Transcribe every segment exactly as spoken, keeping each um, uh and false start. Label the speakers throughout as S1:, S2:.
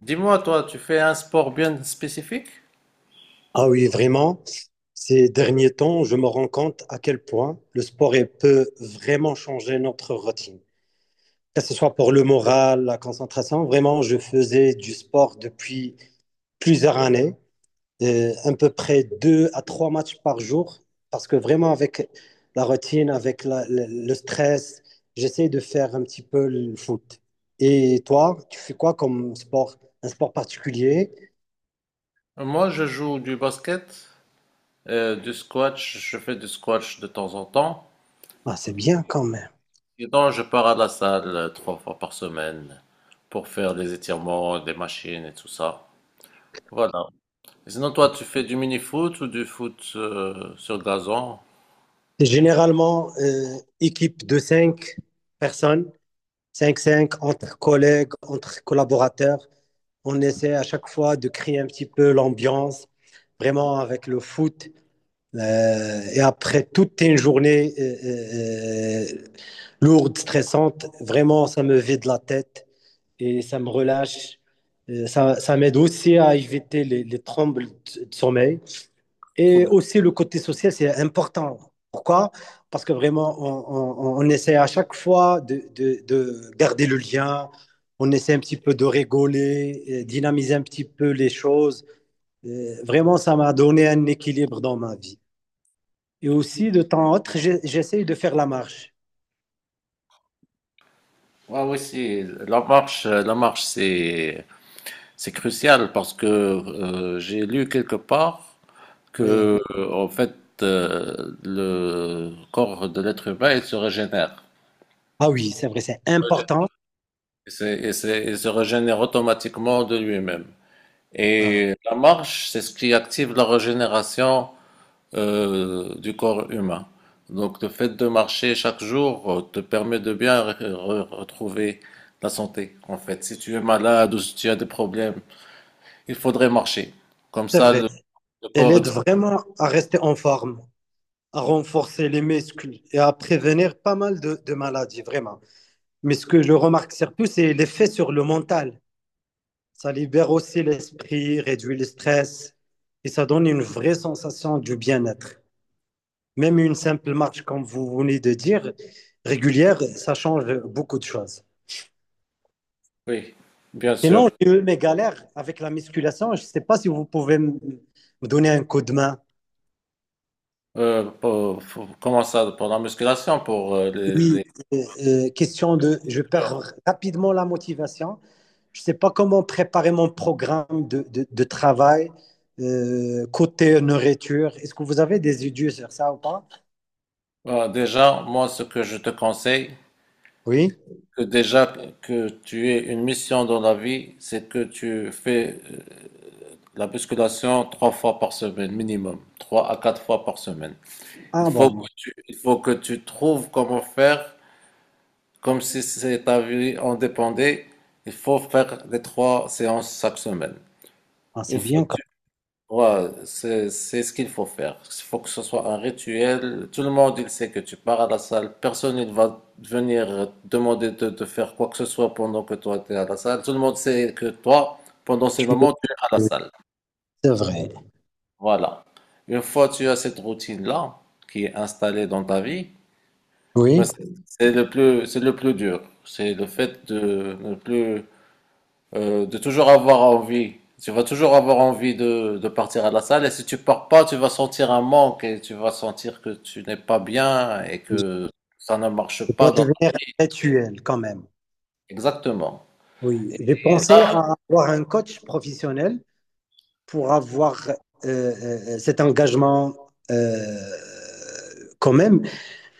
S1: Dis-moi, toi, tu fais un sport bien spécifique?
S2: Ah oui, vraiment, ces derniers temps, je me rends compte à quel point le sport il peut vraiment changer notre routine. Que ce soit pour le moral, la concentration, vraiment, je faisais du sport depuis plusieurs années, euh, à peu près deux à trois matchs par jour, parce que vraiment avec la routine, avec la- le, le stress, j'essaie de faire un petit peu le foot. Et toi, tu fais quoi comme sport? Un sport particulier?
S1: Moi, je joue du basket, euh, du squash, je fais du squash de temps en temps.
S2: Ah, c'est bien quand même.
S1: Et donc, je pars à la salle euh, trois fois par semaine pour faire des étirements, des machines et tout ça. Voilà. Et sinon, toi, tu fais du mini-foot ou du foot euh, sur gazon?
S2: C'est généralement euh, équipe de cinq personnes, cinq cinq entre collègues, entre collaborateurs. On essaie à chaque fois de créer un petit peu l'ambiance, vraiment avec le foot. Euh, et après toute une journée euh, euh, lourde, stressante, vraiment, ça me vide la tête et ça me relâche. Euh, ça, ça m'aide aussi à éviter les, les trembles de sommeil. Et
S1: Trouve-
S2: aussi, le côté social, c'est important. Pourquoi? Parce que vraiment, on, on- on essaie à chaque fois de, de- de garder le lien. On essaie un petit peu de rigoler, euh, dynamiser un petit peu les choses. Euh, vraiment, ça m'a donné un équilibre dans ma vie. Et aussi, de temps en autre, j'ai- j'essaie de faire la marche.
S1: Ouais, oui, si. La marche, euh, la marche, c'est c'est crucial parce que euh, j'ai lu quelque part.
S2: Oui.
S1: Que, en fait, euh, le corps de l'être humain, il se régénère.
S2: Ah oui, c'est vrai, c'est important.
S1: Il se, il se- il se régénère automatiquement de lui-même.
S2: Ah,
S1: Et la marche, c'est ce qui active la régénération euh, du corps humain. Donc le fait de marcher chaque jour euh, te permet de bien re- re- retrouver la santé. En fait, si tu es malade ou si tu as des problèmes, il faudrait marcher. Comme
S2: C'est
S1: ça,
S2: vrai.
S1: le, le
S2: Elle
S1: corps, il...
S2: aide vraiment à rester en forme, à renforcer les muscles et à prévenir pas mal de de maladies, vraiment. Mais ce que je remarque surtout, c'est l'effet sur le mental. Ça libère aussi l'esprit, réduit le stress et ça donne une vraie sensation du bien-être. Même une simple marche, comme vous venez de dire, régulière, ça change beaucoup de choses.
S1: Oui, bien sûr.
S2: Sinon, j'ai eu mes galères avec la musculation. Je ne sais pas si vous pouvez m- me donner un coup de main.
S1: Euh, pour- pour- comment ça, pour la musculation, pour euh, les,
S2: Oui,
S1: les-
S2: euh, euh, question de, je perds rapidement la motivation. Je ne sais pas comment préparer mon programme de, de, de travail euh, côté nourriture. Est-ce que vous avez des idées sur ça ou pas?
S1: Voilà, déjà, moi, ce que je te conseille,
S2: Oui.
S1: que déjà que tu aies une mission dans la vie, c'est que tu fais euh, la musculation trois fois par semaine minimum, trois à quatre fois par semaine. Il
S2: Ah
S1: faut que
S2: bon.
S1: tu, il faut que tu trouves comment faire, comme si c'est ta vie en dépendait. Il faut faire les trois séances chaque semaine.
S2: Ah,
S1: Une
S2: c'est
S1: fois
S2: bien quand
S1: Ouais, c'est, c'est ce qu'il faut faire. Il faut que ce soit un rituel. Tout le monde, il sait que tu pars à la salle. Personne ne va venir demander de, de faire quoi que ce soit pendant que toi, tu es à la salle. Tout le monde sait que toi, pendant ces
S2: tu es.
S1: moments, tu es à la salle.
S2: C'est vrai.
S1: Voilà. Une fois que tu as cette routine-là, qui est installée dans ta vie, mais
S2: Oui.
S1: c'est c'est le plus, c'est le plus dur. C'est le fait de ne plus euh, de toujours avoir envie. Tu vas toujours avoir envie de, de partir à la salle et si tu pars pas, tu vas sentir un manque et tu vas sentir que tu n'es pas bien et
S2: Je
S1: que ça ne marche
S2: dois
S1: pas dans...
S2: devenir intellectuel quand même.
S1: Exactement.
S2: Oui.
S1: Et
S2: J'ai pensé
S1: là,
S2: à avoir un coach professionnel pour avoir euh, euh, cet engagement, euh, quand même.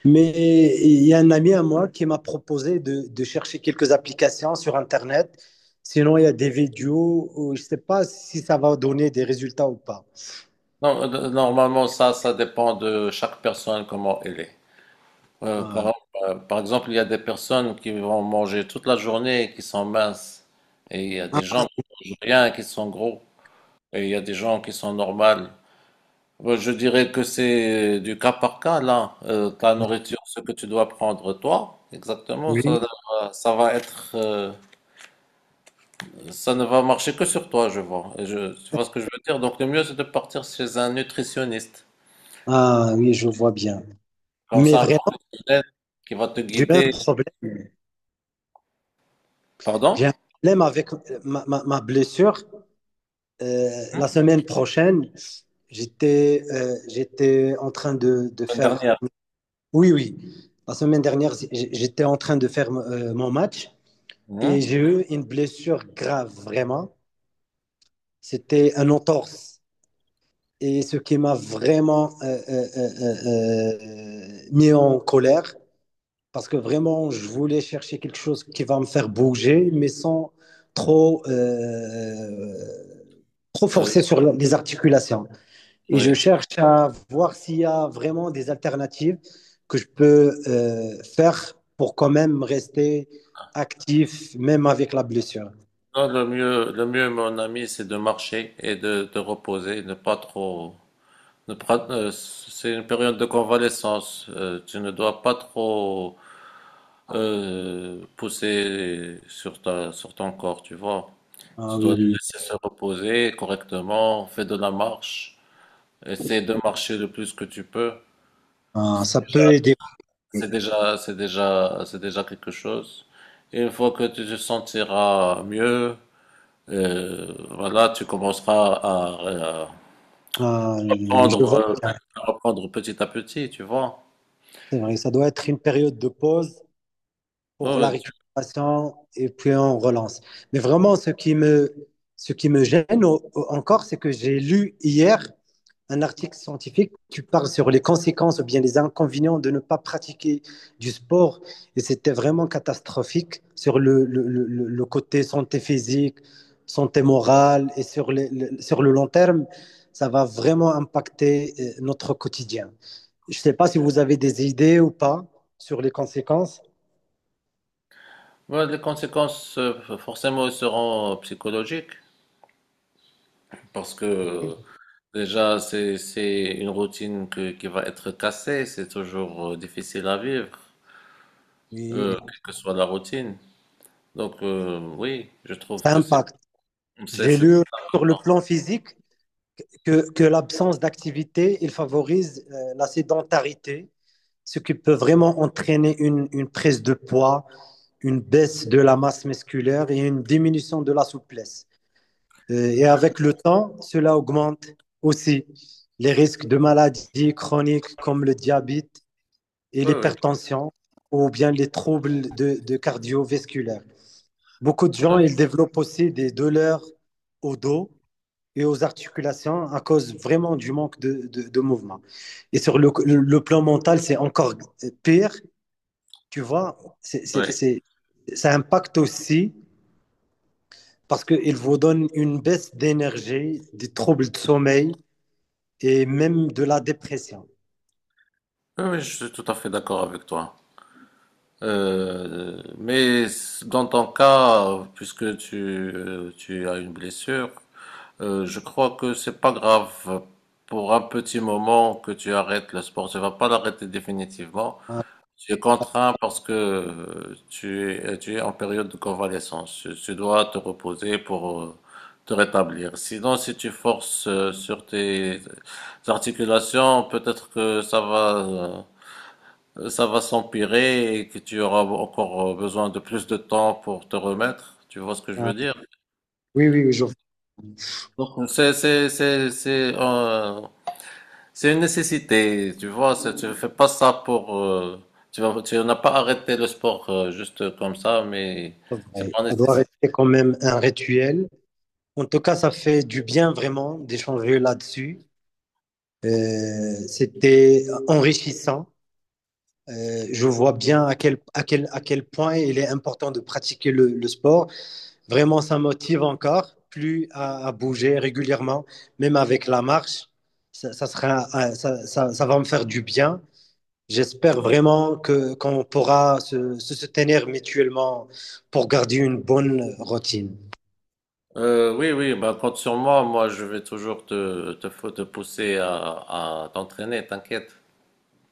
S2: Mais il y a un ami à moi qui m'a proposé de, de chercher quelques applications sur Internet. Sinon, il y a des vidéos où je ne sais pas si ça va donner des résultats ou pas.
S1: no- normalement, ça, ça dépend de chaque personne, comment elle est. Euh,
S2: Ah,
S1: quand- euh, par exemple, il y a des personnes qui vont manger toute la journée et qui sont minces. Et il y a des
S2: ah,
S1: gens qui mangent rien et qui sont gros. Et il y a des gens qui sont normales. Moi, je dirais que c'est du cas par cas, là. Euh, ta nourriture, ce que tu dois prendre toi, exactement,
S2: oui.
S1: ça, va- ça va être, euh, ça ne va marcher que sur toi, je vois. Et je, tu vois ce que je veux dire? Donc, le mieux, c'est de partir chez un nutritionniste,
S2: Ah oui, je vois bien.
S1: comme
S2: Mais
S1: ça, un
S2: vraiment,
S1: professionnel qui va te
S2: j'ai eu un
S1: guider.
S2: problème.
S1: Pardon?
S2: J'ai un problème avec ma, ma- ma blessure. Euh, la semaine prochaine, j'étais euh, j'étais en train de, de
S1: Une
S2: faire...
S1: dernière.
S2: Oui, oui. La semaine dernière, j'étais en train de faire euh, mon match. Et
S1: Mhm.
S2: j'ai eu une blessure grave, vraiment. C'était un entorse. Et ce qui m'a vraiment euh, euh, euh, euh, euh, mis en colère, parce que vraiment, je voulais chercher quelque chose qui va me faire bouger, mais sans trop, euh, trop
S1: Euh,
S2: forcer sur les articulations. Et je
S1: oui.
S2: cherche à voir s'il y a vraiment des alternatives que je peux euh, faire pour quand même rester actif, même avec la blessure.
S1: Non, le mieux, le mieux, mon ami, c'est de marcher et de te reposer, ne pas trop. ne pas- euh, c'est une période de convalescence. Euh, tu ne dois pas trop euh, pousser sur ta, sur ton corps, tu vois.
S2: Ah
S1: Tu dois
S2: oui,
S1: les
S2: oui, oui.
S1: laisser se reposer correctement, fais de la marche, essaie de marcher le plus que tu peux.
S2: Euh,
S1: C'est
S2: ça
S1: déjà,
S2: peut aider.
S1: c'est déjà, c'est déjà, c'est déjà quelque chose. Et une fois que tu te sentiras mieux, euh, voilà, tu commenceras à, à
S2: Euh, je
S1: reprendre,
S2: vois
S1: euh,
S2: que
S1: à reprendre petit à petit, tu vois.
S2: c'est vrai, ça doit être une période de pause
S1: Ouais,
S2: pour la
S1: ouais, tu-
S2: récupération et puis on relance. Mais vraiment, ce qui me, ce qui me gêne au- au- encore, c'est que j'ai lu hier un article scientifique qui parle sur les conséquences ou bien les inconvénients de ne pas pratiquer du sport. Et c'était vraiment catastrophique sur le, le, le, le côté santé physique, santé morale et sur, les- le, sur le long terme, ça va vraiment impacter euh, notre quotidien. Je ne sais pas si vous avez des idées ou pas sur les conséquences,
S1: ouais, les conséquences, euh, forcément, seront psychologiques parce que déjà, c'est, c'est une routine que- qui va être cassée. C'est toujours euh, difficile à vivre,
S2: mais
S1: euh, quelle que soit la routine. Donc, euh, oui, je trouve
S2: ça
S1: que c'est,
S2: impacte.
S1: c'est,
S2: J'ai
S1: c'est
S2: lu sur le
S1: important.
S2: plan physique que, que l'absence d'activité, il favorise euh, la sédentarité, ce qui peut vraiment entraîner une, une prise de poids, une baisse de la masse musculaire et une diminution de la souplesse. Euh, et avec le temps, cela augmente aussi les risques de maladies chroniques comme le diabète et
S1: Oui, oui,
S2: l'hypertension ou bien les troubles de, de cardiovasculaires. Beaucoup de gens, ils développent aussi des douleurs au dos et aux articulations à cause vraiment du manque de, de, de mouvement. Et sur le, le plan mental, c'est encore pire, tu vois, c'est, c'est,
S1: oui.
S2: c'est, ça impacte aussi parce qu'il vous donne une baisse d'énergie, des troubles de sommeil et même de la dépression.
S1: Oui, oui, je suis tout à fait d'accord avec toi. Euh, mais dans ton cas, puisque tu, euh, tu as une blessure, euh, je crois que c'est pas grave pour un petit moment que tu arrêtes le sport. Tu vas pas l'arrêter définitivement.
S2: Ouais.
S1: Tu es contraint parce que euh, tu es, euh, tu es en période de convalescence. Tu, tu dois te reposer pour euh, te rétablir. Sinon, si tu forces euh, sur tes articulations, peut-être que ça va, euh, ça va s'empirer et que tu auras encore euh, besoin de plus de temps pour te remettre. Tu vois ce que je
S2: Ah,
S1: veux dire?
S2: oui, oui, oui, je vois,
S1: Donc, c'est, c'est, c'est, c'est, euh, c'est une nécessité, tu vois, c'est- tu fais pas ça pour... euh, tu vas- Tu n'as pas arrêté le sport euh, juste comme ça, mais
S2: c'est
S1: c'est
S2: vrai.
S1: pas une
S2: Ça doit
S1: nécessité.
S2: rester quand même un rituel. En tout cas, ça fait du bien vraiment d'échanger là-dessus. Euh, c'était enrichissant. Euh, je vois bien à quel, à quel, à quel point il est important de pratiquer le, le sport. Vraiment, ça motive encore plus à, à bouger régulièrement, même avec la marche. Ça, ça sera, euh, ça, ça, ça va me faire du bien. J'espère vraiment que qu'on pourra se, se soutenir mutuellement pour garder une bonne routine.
S1: Euh, oui, oui, bah, compte sur moi, moi je vais toujours te, te, fou- te pousser à, à t'entraîner, t'inquiète.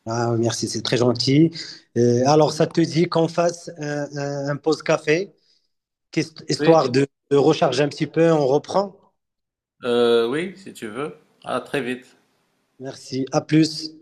S2: Ah, merci, c'est très gentil. Euh, alors, ça te dit qu'on fasse un, un, un pause café, histoire
S1: Oui,
S2: de, de recharger un petit peu, on reprend.
S1: euh, oui, si tu veux. À très vite.
S2: Merci, à plus.